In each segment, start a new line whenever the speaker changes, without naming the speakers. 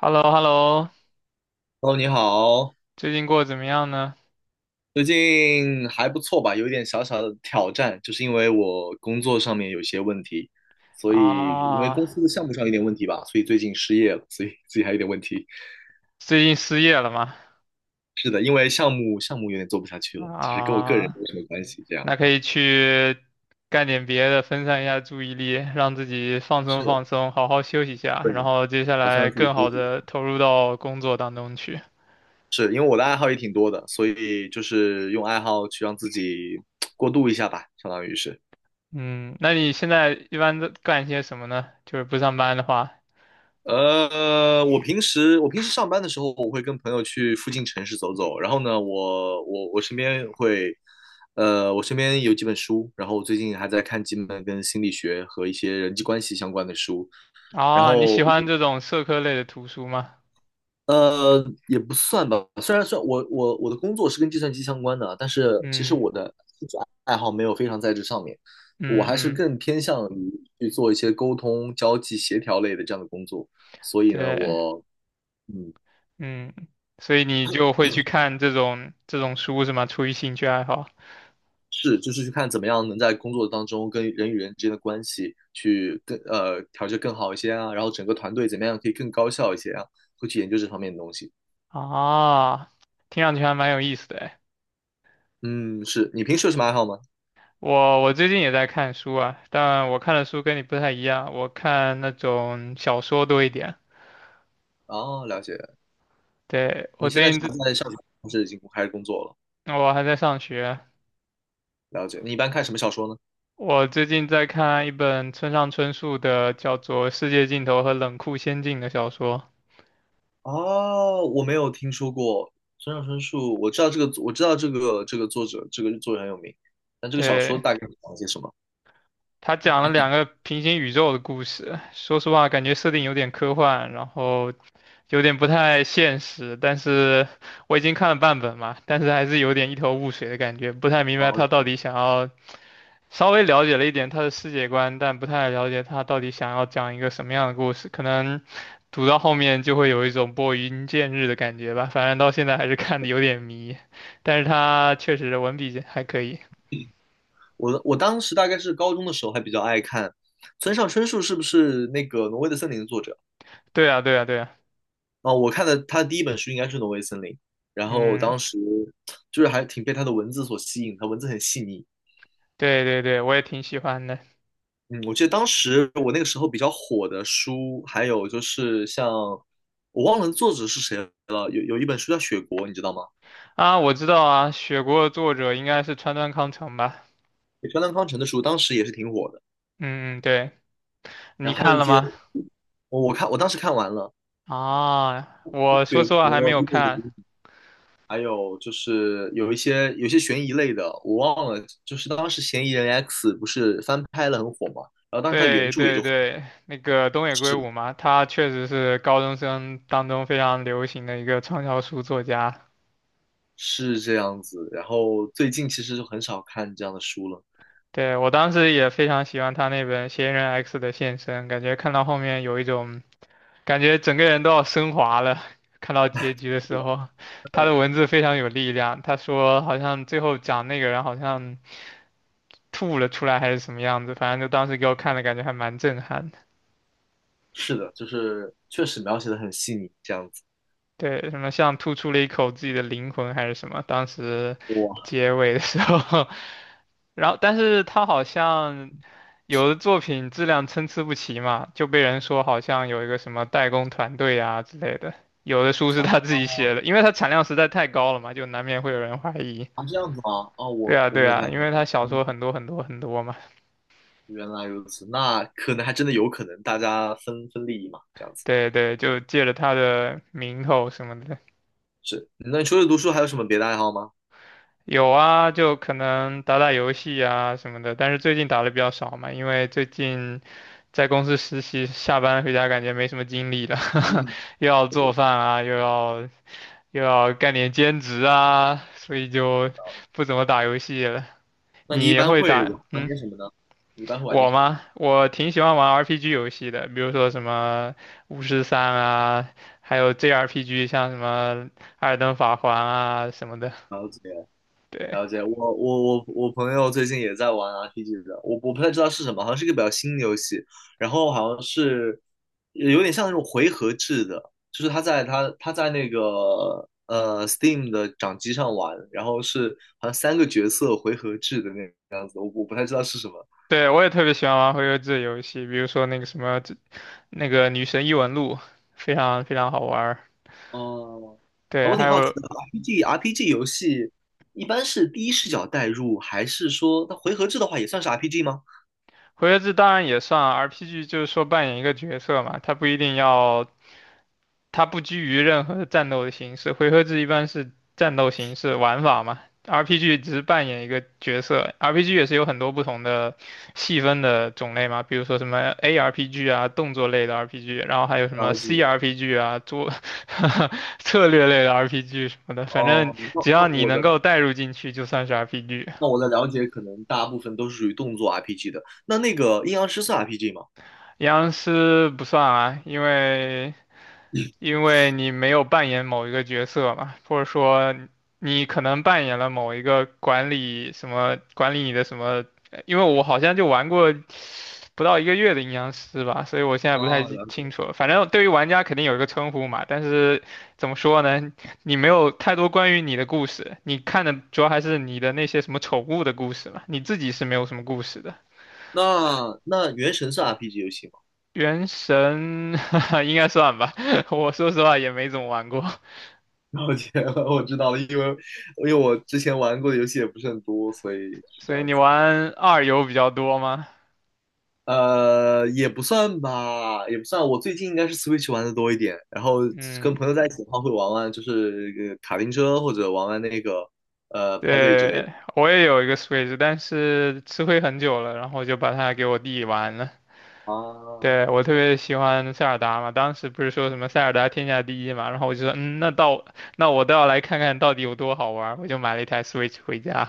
h e l l o h e l l o
哦，你好。
最近过得怎么样呢？
最近还不错吧？有一点小小的挑战，就是因为我工作上面有些问题，所以因为
啊，
公司的项目上有点问题吧，所以最近失业了，所以自己还有点问题。
最近失业了吗？
是的，因为项目有点做不下去了，其实跟我个人
啊，
没什么关系。这样
那可以去干点别的，分散一下注意力，让自己放松
是
放松，好好休息一下，
对
然
的，
后接下
打算
来
让自己
更
休
好
息。
的投入到工作当中去。
是因为我的爱好也挺多的，所以就是用爱好去让自己过渡一下吧，相当于是。
嗯，那你现在一般都干些什么呢？就是不上班的话，
我平时上班的时候，我会跟朋友去附近城市走走。然后呢，我身边会，我身边有几本书，然后我最近还在看几本跟心理学和一些人际关系相关的书。然
啊，你
后，
喜欢这种社科类的图书吗？
呃，也不算吧，虽然算我的工作是跟计算机相关的，但是其实
嗯
我的兴趣爱好没有非常在这上面，我
嗯
还是
嗯，
更偏向于去做一些沟通、交际、协调类的这样的工作。所以呢，
对。
我嗯。
嗯，所以你就会去看这种书是吗？出于兴趣爱好
是，就是去看怎么样能在工作当中跟人与人之间的关系去更调节更好一些啊，然后整个团队怎么样可以更高效一些啊，会去研究这方面的东西。
啊，听上去还蛮有意思的诶。
嗯，是你平时有什么爱好吗？
我最近也在看书啊，但我看的书跟你不太一样，我看那种小说多一点。
哦，了解。
对，
你现在是还在上学，还是已经开始工作了？
我还在上学，
了解。你一般看什么小说呢？
我最近在看一本村上春树的叫做《世界尽头和冷酷仙境》的小说。
哦，我没有听说过村上春树，我知道这个，我知道这个作者，这个作者很有名，但这个小说
对，
大概讲些什么？
他讲了两个平行宇宙的故事，说实话，感觉设定有点科幻，然后有点不太现实，但是我已经看了半本嘛，但是还是有点一头雾水的感觉，不太明
然
白
后
他到底想要，稍微了解了一点他的世界观，但不太了解他到底想要讲一个什么样的故事，可能读到后面就会有一种拨云见日的感觉吧，反正到现在还是看的有点迷，但是他确实文笔还可以。
我当时大概是高中的时候还比较爱看村上春树，是不是那个《挪威的森林》的作者？
对啊，对啊，对啊，
啊，我看的他的第一本书应该是《挪威森林》，然后
嗯，
当时就是还挺被他的文字所吸引，他文字很细腻。
对对对，我也挺喜欢的。
嗯，我记得当时我那个时候比较火的书，还有就是像我忘了作者是谁了，有一本书叫《雪国》，你知道吗？
啊，我知道啊，雪国的作者应该是川端康成吧。
川端康成的书，当时也是挺火的。
嗯嗯，对，
然
你
后还有
看
一
了
些，
吗？
我当时看完了
啊，我说
《雪
实话还没
国》
有
《一六
看。
零》，还有就是有一些悬疑类的，我忘了，就是当时《嫌疑人 X》不是翻拍了很火嘛，然后当时它原
对
著也
对
就火。
对，那个东野圭吾
是
嘛，他确实是高中生当中非常流行的一个畅销书作家。
是这样子，然后最近其实就很少看这样的书了。
对，我当时也非常喜欢他那本《嫌疑人 X 的献身》，感觉看到后面有一种感觉整个人都要升华了。看到结局的时候，他的文字非常有力量。他说好像最后讲那个人好像吐了出来还是什么样子，反正就当时给我看的感觉还蛮震撼。
是的，就是确实描写的很细腻，这样子。
对，什么像吐出了一口自己的灵魂还是什么，当时
哇
结尾的时候，然后但是他好像有的作品质量参差不齐嘛，就被人说好像有一个什么代工团队啊之类的，有的书是他自己写的，因为他产量实在太高了嘛，就难免会有人怀疑。
啊，这样子吗？啊，
对
我
啊，
我
对
没有太
啊，
了
因
解。
为他小
嗯，
说很多很多很多嘛，
原来如此，那可能还真的有可能大家分分利益嘛，这样子。
对对，就借着他的名头什么的。
是，那你除了读书还有什么别的爱好吗？
有啊，就可能打打游戏啊什么的，但是最近打的比较少嘛，因为最近在公司实习，下班回家感觉没什么精力了，
嗯，
又要做饭啊，又要干点兼职啊，所以就不怎么打游戏了。
那你一
你
般
会
会玩
打，
玩
嗯，
点什么呢？你一般会玩点
我
什么？
吗？我挺喜欢玩 RPG 游戏的，比如说什么巫师三啊，还有 JRPG，像什么《艾尔登法环》啊什么的，
了解了
对。
解，我朋友最近也在玩 RPG 的，我不太知道是什么，好像是一个比较新的游戏，然后好像是有点像那种回合制的，就是他在他在那个Steam 的掌机上玩，然后是好像三个角色回合制的那个样子，我不太知道是什么。
对，我也特别喜欢玩回合制的游戏，比如说那个什么，那个《女神异闻录》，非常非常好玩儿。
哦，啊
对，
我
还
挺好奇
有
的，RPG 游戏一般是第一视角代入，还是说它回合制的话也算是 RPG 吗？
回合制当然也算 RPG，就是说扮演一个角色嘛，它不一定要它不拘于任何战斗的形式，回合制一般是战斗形式玩法嘛，RPG 只是扮演一个角色，RPG 也是有很多不同的细分的种类嘛，比如说什么 ARPG 啊，动作类的 RPG，然后还有什么
了解。
CRPG 啊，做 策略类的 RPG 什么的，反正
哦，那
只
那
要你
我
能
的
够带入进去，就算是 RPG。
那我的了解可能大部分都是属于动作 RPG 的。那那个阴阳师是 RPG 吗？
阴阳师不算啊，因为你没有扮演某一个角色嘛，或者说你可能扮演了某一个管理什么管理你的什么，因为我好像就玩过不到一个月的阴阳师吧，所以我现在
啊，
不太记
了解。
清楚了。反正对于玩家肯定有一个称呼嘛，但是怎么说呢，你没有太多关于你的故事，你看的主要还是你的那些什么宠物的故事嘛，你自己是没有什么故事的。
那那原神是 RPG 游戏吗？
原神 应该算吧，我说实话也没怎么玩过。
了解了我知道了，因为我之前玩过的游戏也不是很多，所以是这
所以
样
你
子。
玩二游比较多吗？
也不算吧，也不算。我最近应该是 Switch 玩的多一点，然后跟
嗯，
朋友在一起的话会玩玩，就是卡丁车或者玩玩那个派对之类的。
对，我也有一个 Switch，但是吃灰很久了，然后就把它给我弟玩了。
啊，
对，我特别喜欢塞尔达嘛，当时不是说什么塞尔达天下第一嘛，然后我就说，嗯，那我倒要来看看到底有多好玩儿，我就买了一台 Switch 回家。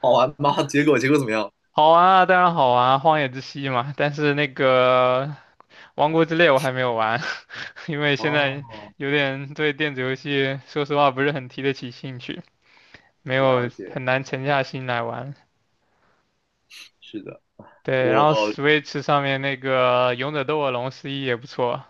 好玩吗？结果怎么样？
好玩啊，当然好玩啊，荒野之息嘛，但是那个王国之泪我还没有玩，因为现在
哦，
有点对电子游戏说实话不是很提得起兴趣。没
了
有
解，
很难沉下心来玩。
是的。
对，然后
我
Switch 上面那个《勇者斗恶龙》十一也不错，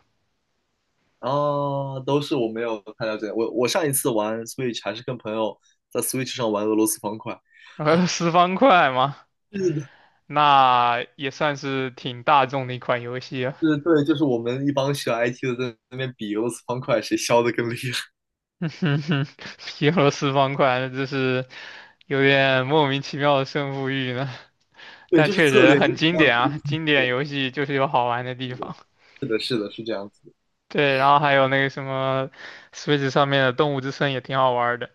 啊，都是我没有太了解。我上一次玩 Switch 还是跟朋友在 Switch 上玩俄罗斯方块。
然后十方块嘛，
是的，
那也算是挺大众的一款游戏啊。
是，对，就是我们一帮学 IT 的在那边比俄罗斯方块谁削的更厉害。
皮罗十方块，那真是有点莫名其妙的胜负欲呢，
对，
但
就是
确
策
实
略。是
很经典啊，经典游戏就是有好玩的地
的，
方。
是的，是的，是这样子
对，然后还有那个什么，Switch 上面的《动物之森》也挺好玩的。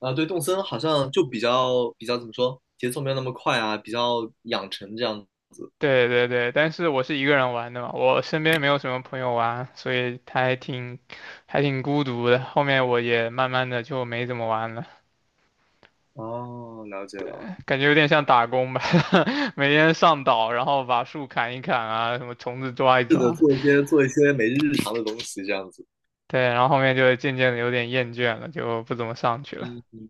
的啊，对，动森好像就比较怎么说，节奏没有那么快啊，比较养成这样。
对对对，但是我是一个人玩的嘛，我身边没有什么朋友玩，所以他还挺孤独的。后面我也慢慢的就没怎么玩了，
哦，了解了。
感觉有点像打工吧，每天上岛，然后把树砍一砍啊，什么虫子抓一
是的，
抓。
做一些每日日常的东西这样子。
对，然后后面就渐渐的有点厌倦了，就不怎么上去了。
嗯，嗯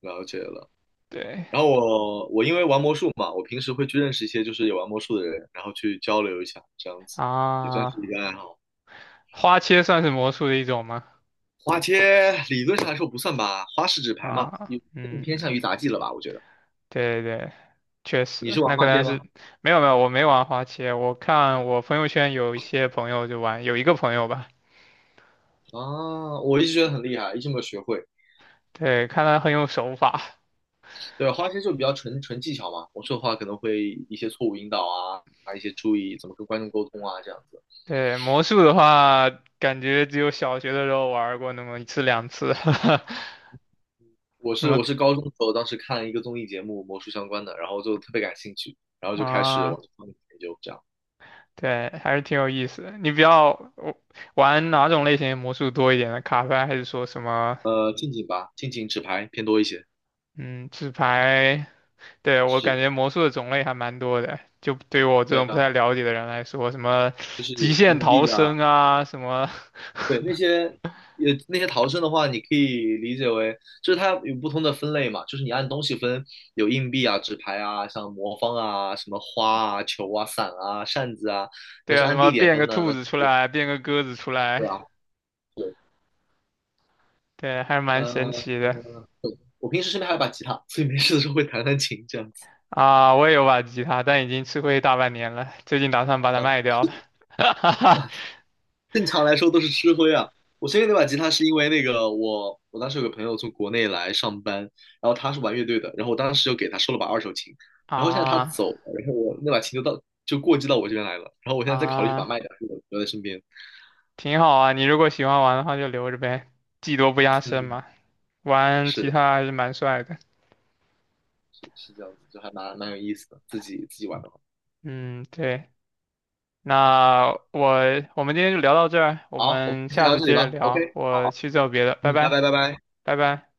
了解了。
对
然后我因为玩魔术嘛，我平时会去认识一些就是也玩魔术的人，然后去交流一下，这样子也算是
啊，
一个爱好。
花切算是魔术的一种吗？
花街理论上来说不算吧，花式纸牌嘛，
啊，
你更偏
嗯，
向于杂技了吧？我觉得
对对确
你
实，
是
那
玩
可
花街
能是
吗？
没有没有，我没玩花切，我看我朋友圈有一些朋友就玩，有一个朋友吧，
啊，我一直觉得很厉害，一直没有学会。
对，看他很有手法，
对，花街就比较纯技巧嘛，魔术的话可能会一些错误引导啊，啊一些注意怎么跟观众沟通啊这样子。
对，魔术的话，感觉只有小学的时候玩过那么一次两次。
我
什
是
么。
我是高中的时候，当时看了一个综艺节目，魔术相关的，然后就特别感兴趣，然后就开始往
啊，
这方面研究这样。
对，还是挺有意思的。你比较我玩哪种类型的魔术多一点呢？卡牌还是说什么，
近景吧，近景纸牌偏多一些。
嗯纸牌。对，我感
是，
觉魔术的种类还蛮多的，就对于我这
对
种不
啊，
太了解的人来说，什么
就
极
是
限
硬
逃
币啊，
生啊，什么，
对那些也那些逃生的话，你可以理解为就是它有不同的分类嘛，就是你按东西分，有硬币啊、纸牌啊、像魔方啊、什么花啊、球啊、伞啊、扇子啊，要
对
是
啊，什
按
么
地点
变
分
个
呢，
兔
那
子出来，变个鸽子出
对
来，
啊，是，
对，还是蛮神
呃，
奇的。
我平时身边还有把吉他，所以没事的时候会弹弹琴这样子。
啊。我也有把吉他，但已经吃灰大半年了，最近打算把它卖掉了。
正常来说都是吃灰啊。我先给那把吉他是因为那个我当时有个朋友从国内来上班，然后他是玩乐队的，然后我当时就给他收了把二手琴，然后现在他
啊
走了，然后我那把琴就到就过继到我这边来了，然后我现在在考虑去把
啊，
它卖掉，就留在身边。
挺好啊，你如果喜欢玩的话就留着呗，技多不压身
嗯，
嘛，玩吉
是
他还是蛮帅的。
是这样子，就还蛮有意思的，自己玩的话。
嗯，对。那我我们今天就聊到这儿，我
好，我们
们
先
下
聊到
次
这里
接着
吧。
聊，
OK，
我
好，
去做别的，拜
嗯，
拜，
拜拜。
拜拜。